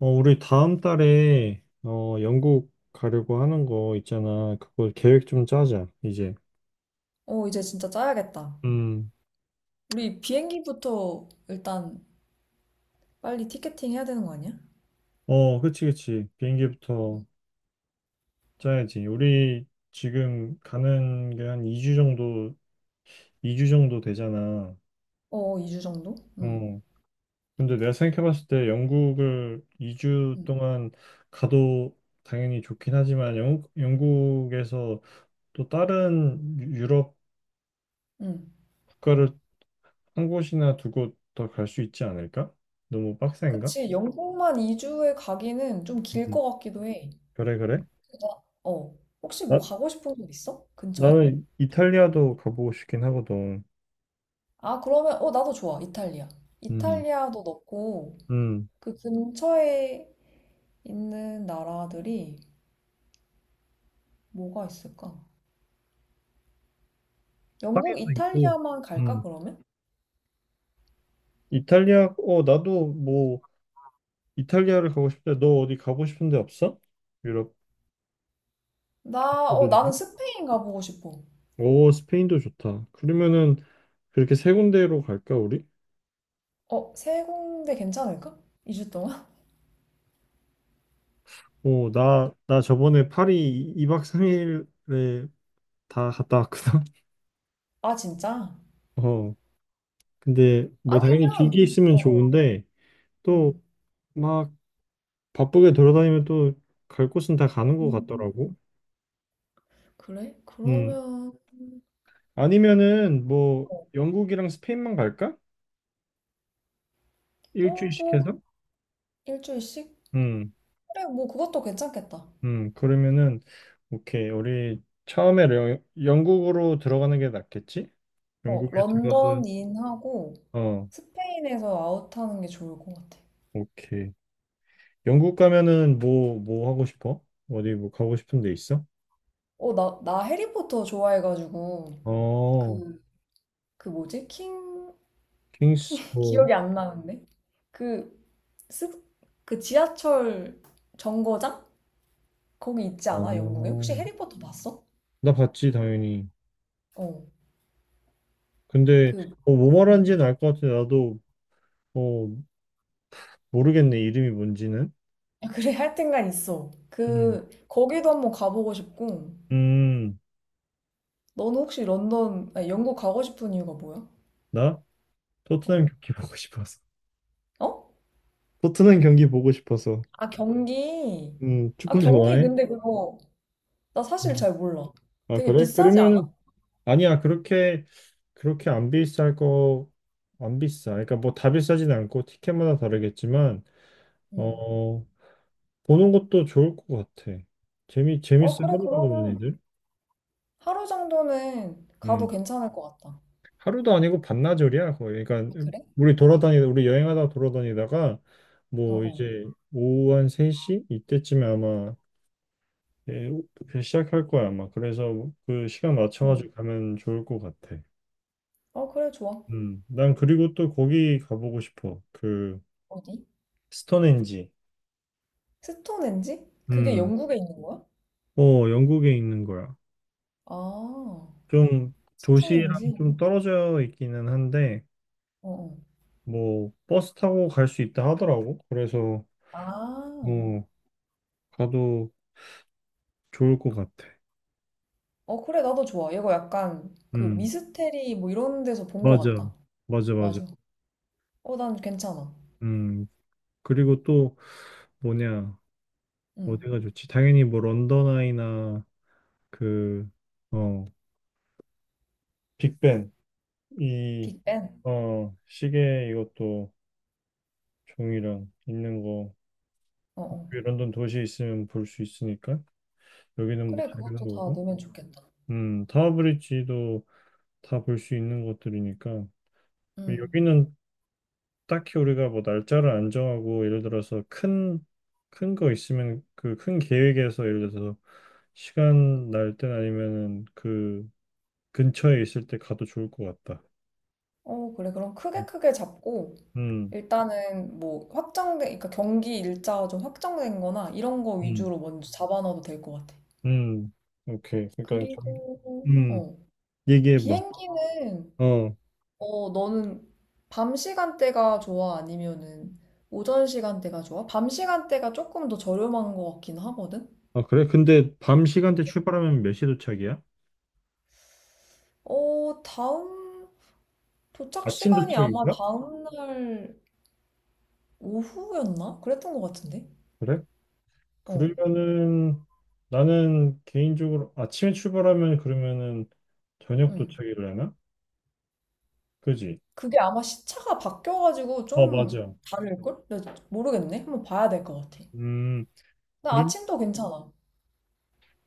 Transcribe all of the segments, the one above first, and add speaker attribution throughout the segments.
Speaker 1: 우리 다음 달에 영국 가려고 하는 거 있잖아. 그거 계획 좀 짜자, 이제.
Speaker 2: 이제 진짜 짜야겠다.
Speaker 1: 음.
Speaker 2: 우리 비행기부터 일단 빨리 티켓팅 해야 되는 거 아니야?
Speaker 1: 어, 그치, 그치. 비행기부터 짜야지. 우리 지금 가는 게 한 2주 정도, 이 주 정도 되잖아.
Speaker 2: 어, 2주 정도? 응,
Speaker 1: 어. 근데 내가 생각해봤을 때 영국을 2주
Speaker 2: 응,
Speaker 1: 동안 가도 당연히 좋긴 하지만 영국에서 또 다른 유럽
Speaker 2: 응.
Speaker 1: 국가를 한 곳이나 두 곳 더 갈 수 있지 않을까? 너무 빡센가?
Speaker 2: 그치, 영국만 2주에 가기는 좀 길
Speaker 1: 음.
Speaker 2: 것 같기도 해.
Speaker 1: 그래, 그래.
Speaker 2: 나, 어, 혹시 뭐
Speaker 1: 나,
Speaker 2: 가고 싶은 곳 있어? 근처에?
Speaker 1: 나는 이탈리아도 가보고 싶긴 하거든.
Speaker 2: 아, 그러면, 나도 좋아. 이탈리아.
Speaker 1: 음,
Speaker 2: 이탈리아도 넣고,
Speaker 1: 음.
Speaker 2: 그 근처에 있는 나라들이 뭐가 있을까? 영국,
Speaker 1: 파리도 있고,
Speaker 2: 이탈리아만 갈까,
Speaker 1: 음.
Speaker 2: 그러면?
Speaker 1: 이탈리아, 나도 뭐, 이탈리아를 가고 싶대. 너 어디 가고 싶은 데 없어? 유럽
Speaker 2: 나, 어,
Speaker 1: 국가들 중에?
Speaker 2: 나는 스페인 가보고 싶어.
Speaker 1: 오, 스페인도 좋다. 그러면은, 그렇게 세 군데로 갈까, 우리?
Speaker 2: 어, 세 군데 괜찮을까? 2주 동안?
Speaker 1: 어, 나 저번에 파리 2박 3일에 다 갔다 왔거든.
Speaker 2: 아, 진짜?
Speaker 1: 어, 근데 뭐 당연히
Speaker 2: 아니면,
Speaker 1: 길게 있으면
Speaker 2: 어, 어,
Speaker 1: 좋은데, 또
Speaker 2: 음.
Speaker 1: 막 바쁘게 돌아다니면 또 갈 곳은 다 가는 것 같더라고.
Speaker 2: 음, 그래?
Speaker 1: 음.
Speaker 2: 그러면,
Speaker 1: 아니면은 뭐
Speaker 2: 어,
Speaker 1: 영국이랑 스페인만 갈까? 일주일씩
Speaker 2: 뭐,
Speaker 1: 해서?
Speaker 2: 일주일씩?
Speaker 1: 음.
Speaker 2: 그래, 뭐, 그것도 괜찮겠다.
Speaker 1: 음. 그러면은 오케이. 우리 처음에 영국으로 들어가는 게 낫겠지?
Speaker 2: 어,
Speaker 1: 영국에 들어가서
Speaker 2: 런던 인하고
Speaker 1: 어,
Speaker 2: 스페인에서 아웃하는 게 좋을 것 같아.
Speaker 1: 오케이. 영국 가면은 뭐 뭐 하고 싶어? 어디 뭐 가고 싶은 데 있어?
Speaker 2: 나 해리포터 좋아해가지고,
Speaker 1: 어,
Speaker 2: 그, 그 뭐지?
Speaker 1: 킹스 뭐.
Speaker 2: 기억이 안 나는데? 그, 스, 그 지하철 정거장? 거기 있지 않아? 영국에?
Speaker 1: 어,
Speaker 2: 혹시 해리포터 봤어?
Speaker 1: 나 봤지 당연히.
Speaker 2: 어,
Speaker 1: 근데
Speaker 2: 그,
Speaker 1: 뭐
Speaker 2: 음.
Speaker 1: 말하는지는 알 것 같아. 나도 어, 모르겠네, 이름이 뭔지는.
Speaker 2: 아, 그래, 하여튼간 있어.
Speaker 1: 음,
Speaker 2: 그, 거기도 한번 가보고 싶고,
Speaker 1: 음.
Speaker 2: 너는 혹시 런던, 아니, 영국 가고 싶은 이유가 뭐야?
Speaker 1: 나?
Speaker 2: 어.
Speaker 1: 토트넘 경기 보고 싶어서.
Speaker 2: 어?
Speaker 1: 토트넘 경기 보고 싶어서.
Speaker 2: 아, 경기. 아,
Speaker 1: 축구
Speaker 2: 경기
Speaker 1: 좋아해?
Speaker 2: 근데 그거, 나 사실
Speaker 1: 음.
Speaker 2: 잘 몰라.
Speaker 1: 아,
Speaker 2: 되게
Speaker 1: 그래?
Speaker 2: 비싸지 않아?
Speaker 1: 그러면은, 아니야, 그렇게 안 비쌀 거, 안 비싸. 그러니까 뭐 다 비싸진 않고 티켓마다 다르겠지만,
Speaker 2: 응.
Speaker 1: 어, 보는 것도 좋을 것 같아.
Speaker 2: 어,
Speaker 1: 재밌어
Speaker 2: 그래,
Speaker 1: 하더라고,
Speaker 2: 그러면
Speaker 1: 얘네들.
Speaker 2: 하루 정도는 가도 괜찮을 것 같다.
Speaker 1: 하루도 아니고 반나절이야 거의.
Speaker 2: 아,
Speaker 1: 그러니까
Speaker 2: 그래?
Speaker 1: 우리 여행하다 돌아다니다가
Speaker 2: 어,
Speaker 1: 뭐
Speaker 2: 어.
Speaker 1: 이제 오후 한 3시 이때쯤에 아마. 예, 그 시작할 거야 아마. 그래서 그 시간
Speaker 2: 응.
Speaker 1: 맞춰가지고 가면 좋을 것 같아.
Speaker 2: 어, 그래, 좋아.
Speaker 1: 난 그리고 또 거기 가보고 싶어. 그
Speaker 2: 어디?
Speaker 1: 스톤헨지.
Speaker 2: 스톤헨지? 그게
Speaker 1: 음,
Speaker 2: 영국에 있는 거야?
Speaker 1: 영국에 있는 거야.
Speaker 2: 아,
Speaker 1: 좀 도시랑
Speaker 2: 스톤헨지?
Speaker 1: 좀 떨어져 있기는 한데
Speaker 2: 어, 어.
Speaker 1: 뭐 버스 타고 갈 수 있다 하더라고. 그래서
Speaker 2: 아,
Speaker 1: 뭐 가도 좋을 것 같아.
Speaker 2: 그래, 나도 좋아. 이거 약간 그
Speaker 1: 음,
Speaker 2: 미스테리 뭐 이런 데서 본 것
Speaker 1: 맞아.
Speaker 2: 같다.
Speaker 1: 맞아, 맞아.
Speaker 2: 맞아. 어, 난 괜찮아.
Speaker 1: 음, 그리고 또 뭐냐,
Speaker 2: 응.
Speaker 1: 어디가 좋지? 당연히 뭐 런던 아이나 그, 어, 빅벤, 이,
Speaker 2: 빅뱅?
Speaker 1: 시계 이것도 종이랑 있는 거,
Speaker 2: 어,
Speaker 1: 그
Speaker 2: 어.
Speaker 1: 런던 도시에 있으면 볼 수 있으니까, 여기는 뭐
Speaker 2: 그래,
Speaker 1: 다 있는
Speaker 2: 그것도 다
Speaker 1: 거고,
Speaker 2: 넣으면 좋겠다.
Speaker 1: 타워브리지도 다 볼 수 있는 것들이니까,
Speaker 2: 응.
Speaker 1: 여기는 딱히 우리가 뭐 날짜를 안 정하고 예를 들어서 큰 거 있으면 그 큰 계획에서 예를 들어서 시간 날 땐 아니면은 그 근처에 있을 때 가도 좋을 것 같다.
Speaker 2: 어, 그래. 그럼 크게 크게 잡고,
Speaker 1: 음,
Speaker 2: 일단은 뭐 확정된, 그러니까 경기 일자가 좀 확정된 거나 이런 거
Speaker 1: 음,
Speaker 2: 위주로 먼저 잡아넣어도 될 것 같아.
Speaker 1: 음, 오케이. 그러니까 좀,
Speaker 2: 그리고,
Speaker 1: 음,
Speaker 2: 어.
Speaker 1: 얘기해봐.
Speaker 2: 비행기는
Speaker 1: 어,
Speaker 2: 너는 밤 시간대가 좋아? 아니면은 오전 시간대가 좋아? 밤 시간대가 조금 더 저렴한 것 같긴 하거든?
Speaker 1: 아 그래? 근데 밤 시간대 출발하면 몇 시 도착이야?
Speaker 2: 어, 다음, 도착
Speaker 1: 아침
Speaker 2: 시간이 아마
Speaker 1: 도착인가?
Speaker 2: 다음날 오후였나? 그랬던 것 같은데?
Speaker 1: 그래?
Speaker 2: 어,
Speaker 1: 그러면은 나는 개인적으로 아침에 출발하면 그러면은 저녁
Speaker 2: 응.
Speaker 1: 도착이려나? 그지?
Speaker 2: 그게 아마 시차가 바뀌어가지고
Speaker 1: 어,
Speaker 2: 좀
Speaker 1: 맞아.
Speaker 2: 다를걸? 나 모르겠네. 한번 봐야 될 것 같아.
Speaker 1: 음,
Speaker 2: 나
Speaker 1: 그리고
Speaker 2: 아침도 괜찮아.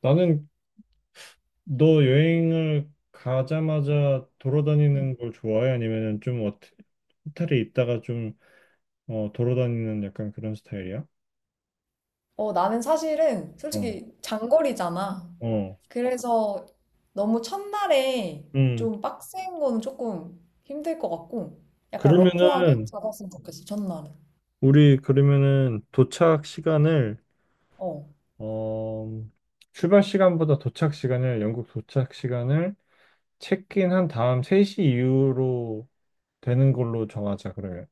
Speaker 1: 나는. 너 여행을 가자마자
Speaker 2: 응.
Speaker 1: 돌아다니는 걸 좋아해? 아니면은 좀 어떻게, 호텔에 있다가 좀 돌아다니는 약간 그런 스타일이야?
Speaker 2: 어, 나는 사실은
Speaker 1: 어,
Speaker 2: 솔직히 장거리잖아.
Speaker 1: 어,
Speaker 2: 그래서 너무 첫날에
Speaker 1: 음.
Speaker 2: 좀 빡센 거는 조금 힘들 것 같고, 약간 러프하게
Speaker 1: 그러면은
Speaker 2: 잡았으면 좋겠어, 첫날은.
Speaker 1: 우리 그러면은 도착 시간을
Speaker 2: 어.
Speaker 1: 어, 출발 시간보다 도착 시간을 영국 도착 시간을 체크인 한 다음 3시 이후로 되는 걸로 정하자 그러면.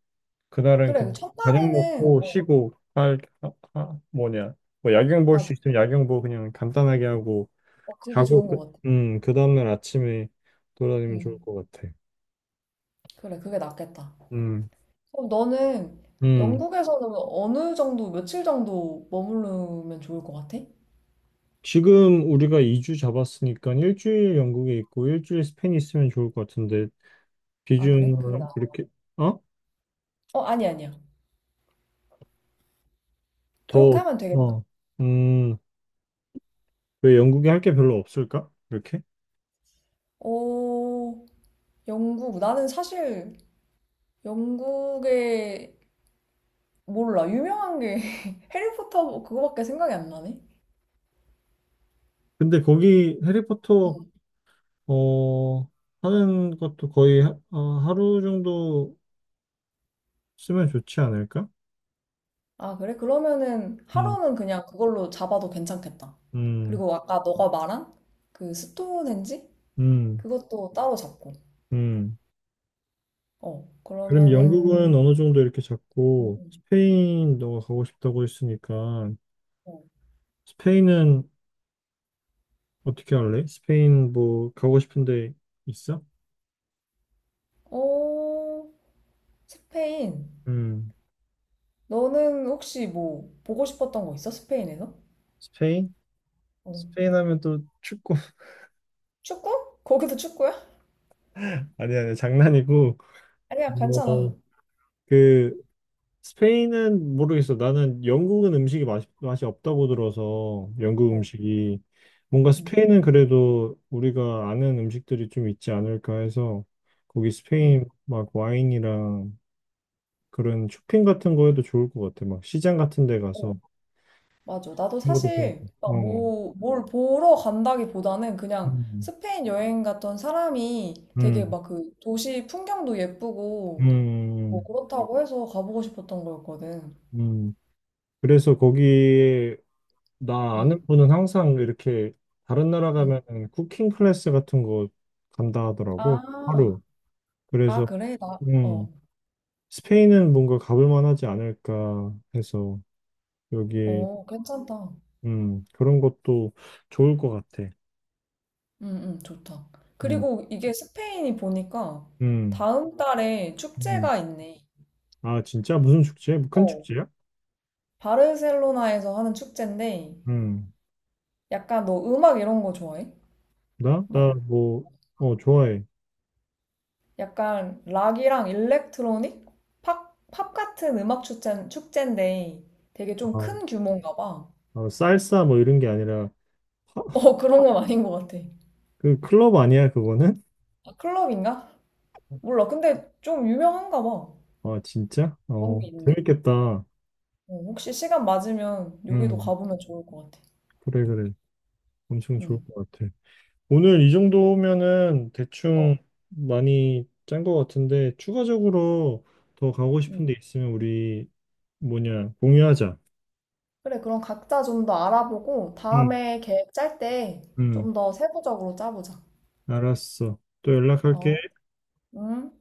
Speaker 1: 그날은 그
Speaker 2: 그래, 그
Speaker 1: 저녁
Speaker 2: 첫날에는,
Speaker 1: 먹고
Speaker 2: 어,
Speaker 1: 쉬고 할 뭐냐 뭐 야경 볼 수
Speaker 2: 맞아.
Speaker 1: 있으면 야경 보고 그냥 간단하게 하고
Speaker 2: 어, 그게
Speaker 1: 자고
Speaker 2: 좋은
Speaker 1: 그,
Speaker 2: 것 같아.
Speaker 1: 음, 그 다음날 아침에 돌아다니면 좋을
Speaker 2: 응.
Speaker 1: 것 같아.
Speaker 2: 그래, 그게 낫겠다.
Speaker 1: 음,
Speaker 2: 그럼 너는
Speaker 1: 음.
Speaker 2: 영국에서는 어느 정도, 며칠 정도 머무르면 좋을 것 같아?
Speaker 1: 지금 우리가 2주 잡았으니까 일주일 영국에 있고 일주일 스페인 있으면 좋을 것 같은데
Speaker 2: 아, 그래? 그게 나.
Speaker 1: 비중을 그렇게. 어?
Speaker 2: 어, 아니, 아니야. 그렇게
Speaker 1: 더.
Speaker 2: 하면 되겠다.
Speaker 1: 어. 음. 왜 영국에 할 게 별로 없을까? 이렇게?
Speaker 2: 오, 영국. 나는 사실 영국에 몰라. 유명한 게 해리포터 그거밖에 생각이 안 나네.
Speaker 1: 근데 거기 해리포터
Speaker 2: 응.
Speaker 1: 어, 하는 것도 거의 하루 정도 쓰면 좋지 않을까?
Speaker 2: 아, 그래? 그러면은
Speaker 1: 음,
Speaker 2: 하루는 그냥 그걸로 잡아도 괜찮겠다.
Speaker 1: 음,
Speaker 2: 그리고 아까 너가 말한 그 스톤헨지?
Speaker 1: 음,
Speaker 2: 그것도 따로 잡고.
Speaker 1: 음.
Speaker 2: 어,
Speaker 1: 그럼
Speaker 2: 그러면은
Speaker 1: 영국은 어느 정도 이렇게
Speaker 2: 응,
Speaker 1: 잡고
Speaker 2: 응,
Speaker 1: 스페인 너가 가고 싶다고 했으니까
Speaker 2: 어.
Speaker 1: 스페인은 어떻게 할래? 스페인 뭐 가고 싶은데 있어?
Speaker 2: 어, 스페인.
Speaker 1: 음,
Speaker 2: 너는 혹시 뭐 보고 싶었던 거 있어? 스페인에서?
Speaker 1: 스페인?
Speaker 2: 어.
Speaker 1: 스페인 하면 또 축구.
Speaker 2: 축구? 거기도 축구야?
Speaker 1: 아니 아니 장난이고
Speaker 2: 아니야, 괜찮아.
Speaker 1: 뭐그 스페인은 모르겠어. 나는 영국은 음식이 맛이 없다고 들어서 영국
Speaker 2: 어,
Speaker 1: 음식이 뭔가
Speaker 2: 응,
Speaker 1: 스페인은 그래도 우리가 아는 음식들이 좀 있지 않을까 해서 거기
Speaker 2: 응.
Speaker 1: 스페인 막 와인이랑 그런 쇼핑 같은 거에도 좋을 것 같아. 막 시장 같은 데
Speaker 2: 어.
Speaker 1: 가서
Speaker 2: 맞아. 나도
Speaker 1: 그런 것도 좋고.
Speaker 2: 사실 막
Speaker 1: 어.
Speaker 2: 뭐, 뭘 보러 간다기보다는 그냥
Speaker 1: 음.
Speaker 2: 스페인 여행 갔던 사람이 되게
Speaker 1: 음.
Speaker 2: 막 그 도시 풍경도
Speaker 1: 음.
Speaker 2: 예쁘고 뭐
Speaker 1: 음.
Speaker 2: 그렇다고 해서 가보고 싶었던 거였거든.
Speaker 1: 음. 그래서 거기에 나 아는
Speaker 2: 응,
Speaker 1: 분은 항상 이렇게 다른 나라
Speaker 2: 응.
Speaker 1: 가면 쿠킹 클래스 같은 거 간다 하더라고.
Speaker 2: 아,
Speaker 1: 하루. 그래서
Speaker 2: 그래?
Speaker 1: 음, 스페인은 뭔가 가볼 만하지 않을까 해서 여기
Speaker 2: 어, 괜찮다.
Speaker 1: 그런 것도 좋을 것 같아.
Speaker 2: 응, 응, 좋다.
Speaker 1: 음,
Speaker 2: 그리고 이게 스페인이 보니까
Speaker 1: 음,
Speaker 2: 다음 달에
Speaker 1: 음.
Speaker 2: 축제가 있네.
Speaker 1: 아, 진짜 무슨 축제? 뭐 큰
Speaker 2: 어,
Speaker 1: 축제야?
Speaker 2: 바르셀로나에서 하는 축제인데
Speaker 1: 음,
Speaker 2: 약간 너 음악 이런 거 좋아해?
Speaker 1: 나? 나
Speaker 2: 막
Speaker 1: 뭐, 좋아해.
Speaker 2: 약간 락이랑 일렉트로닉? 팝 같은 축제인데 되게 좀
Speaker 1: 아,
Speaker 2: 큰 규모인가 봐.
Speaker 1: 살사 뭐 이런 게 아니라 하,
Speaker 2: 어, 그런 건 아닌 것 같아.
Speaker 1: 그 클럽 아니야, 그거는?
Speaker 2: 아, 클럽인가? 몰라. 근데 좀 유명한가 봐.
Speaker 1: 아, 진짜?
Speaker 2: 그런
Speaker 1: 어,
Speaker 2: 게 있네.
Speaker 1: 재밌겠다.
Speaker 2: 어, 혹시 시간 맞으면 여기도
Speaker 1: 음,
Speaker 2: 가보면 좋을 것 같아.
Speaker 1: 그래, 그래. 엄청 좋을
Speaker 2: 응.
Speaker 1: 것 같아. 오늘 이 정도면은
Speaker 2: 어.
Speaker 1: 대충 많이 짠 것 같은데 추가적으로 더 가고 싶은
Speaker 2: 응.
Speaker 1: 데 있으면 우리 뭐냐 공유하자.
Speaker 2: 그래, 그럼 각자 좀 더 알아보고
Speaker 1: 응,
Speaker 2: 다음에 계획 짤 때
Speaker 1: 응,
Speaker 2: 좀 더 세부적으로 짜보자.
Speaker 1: 알았어. 또 연락할게.
Speaker 2: 어? 응?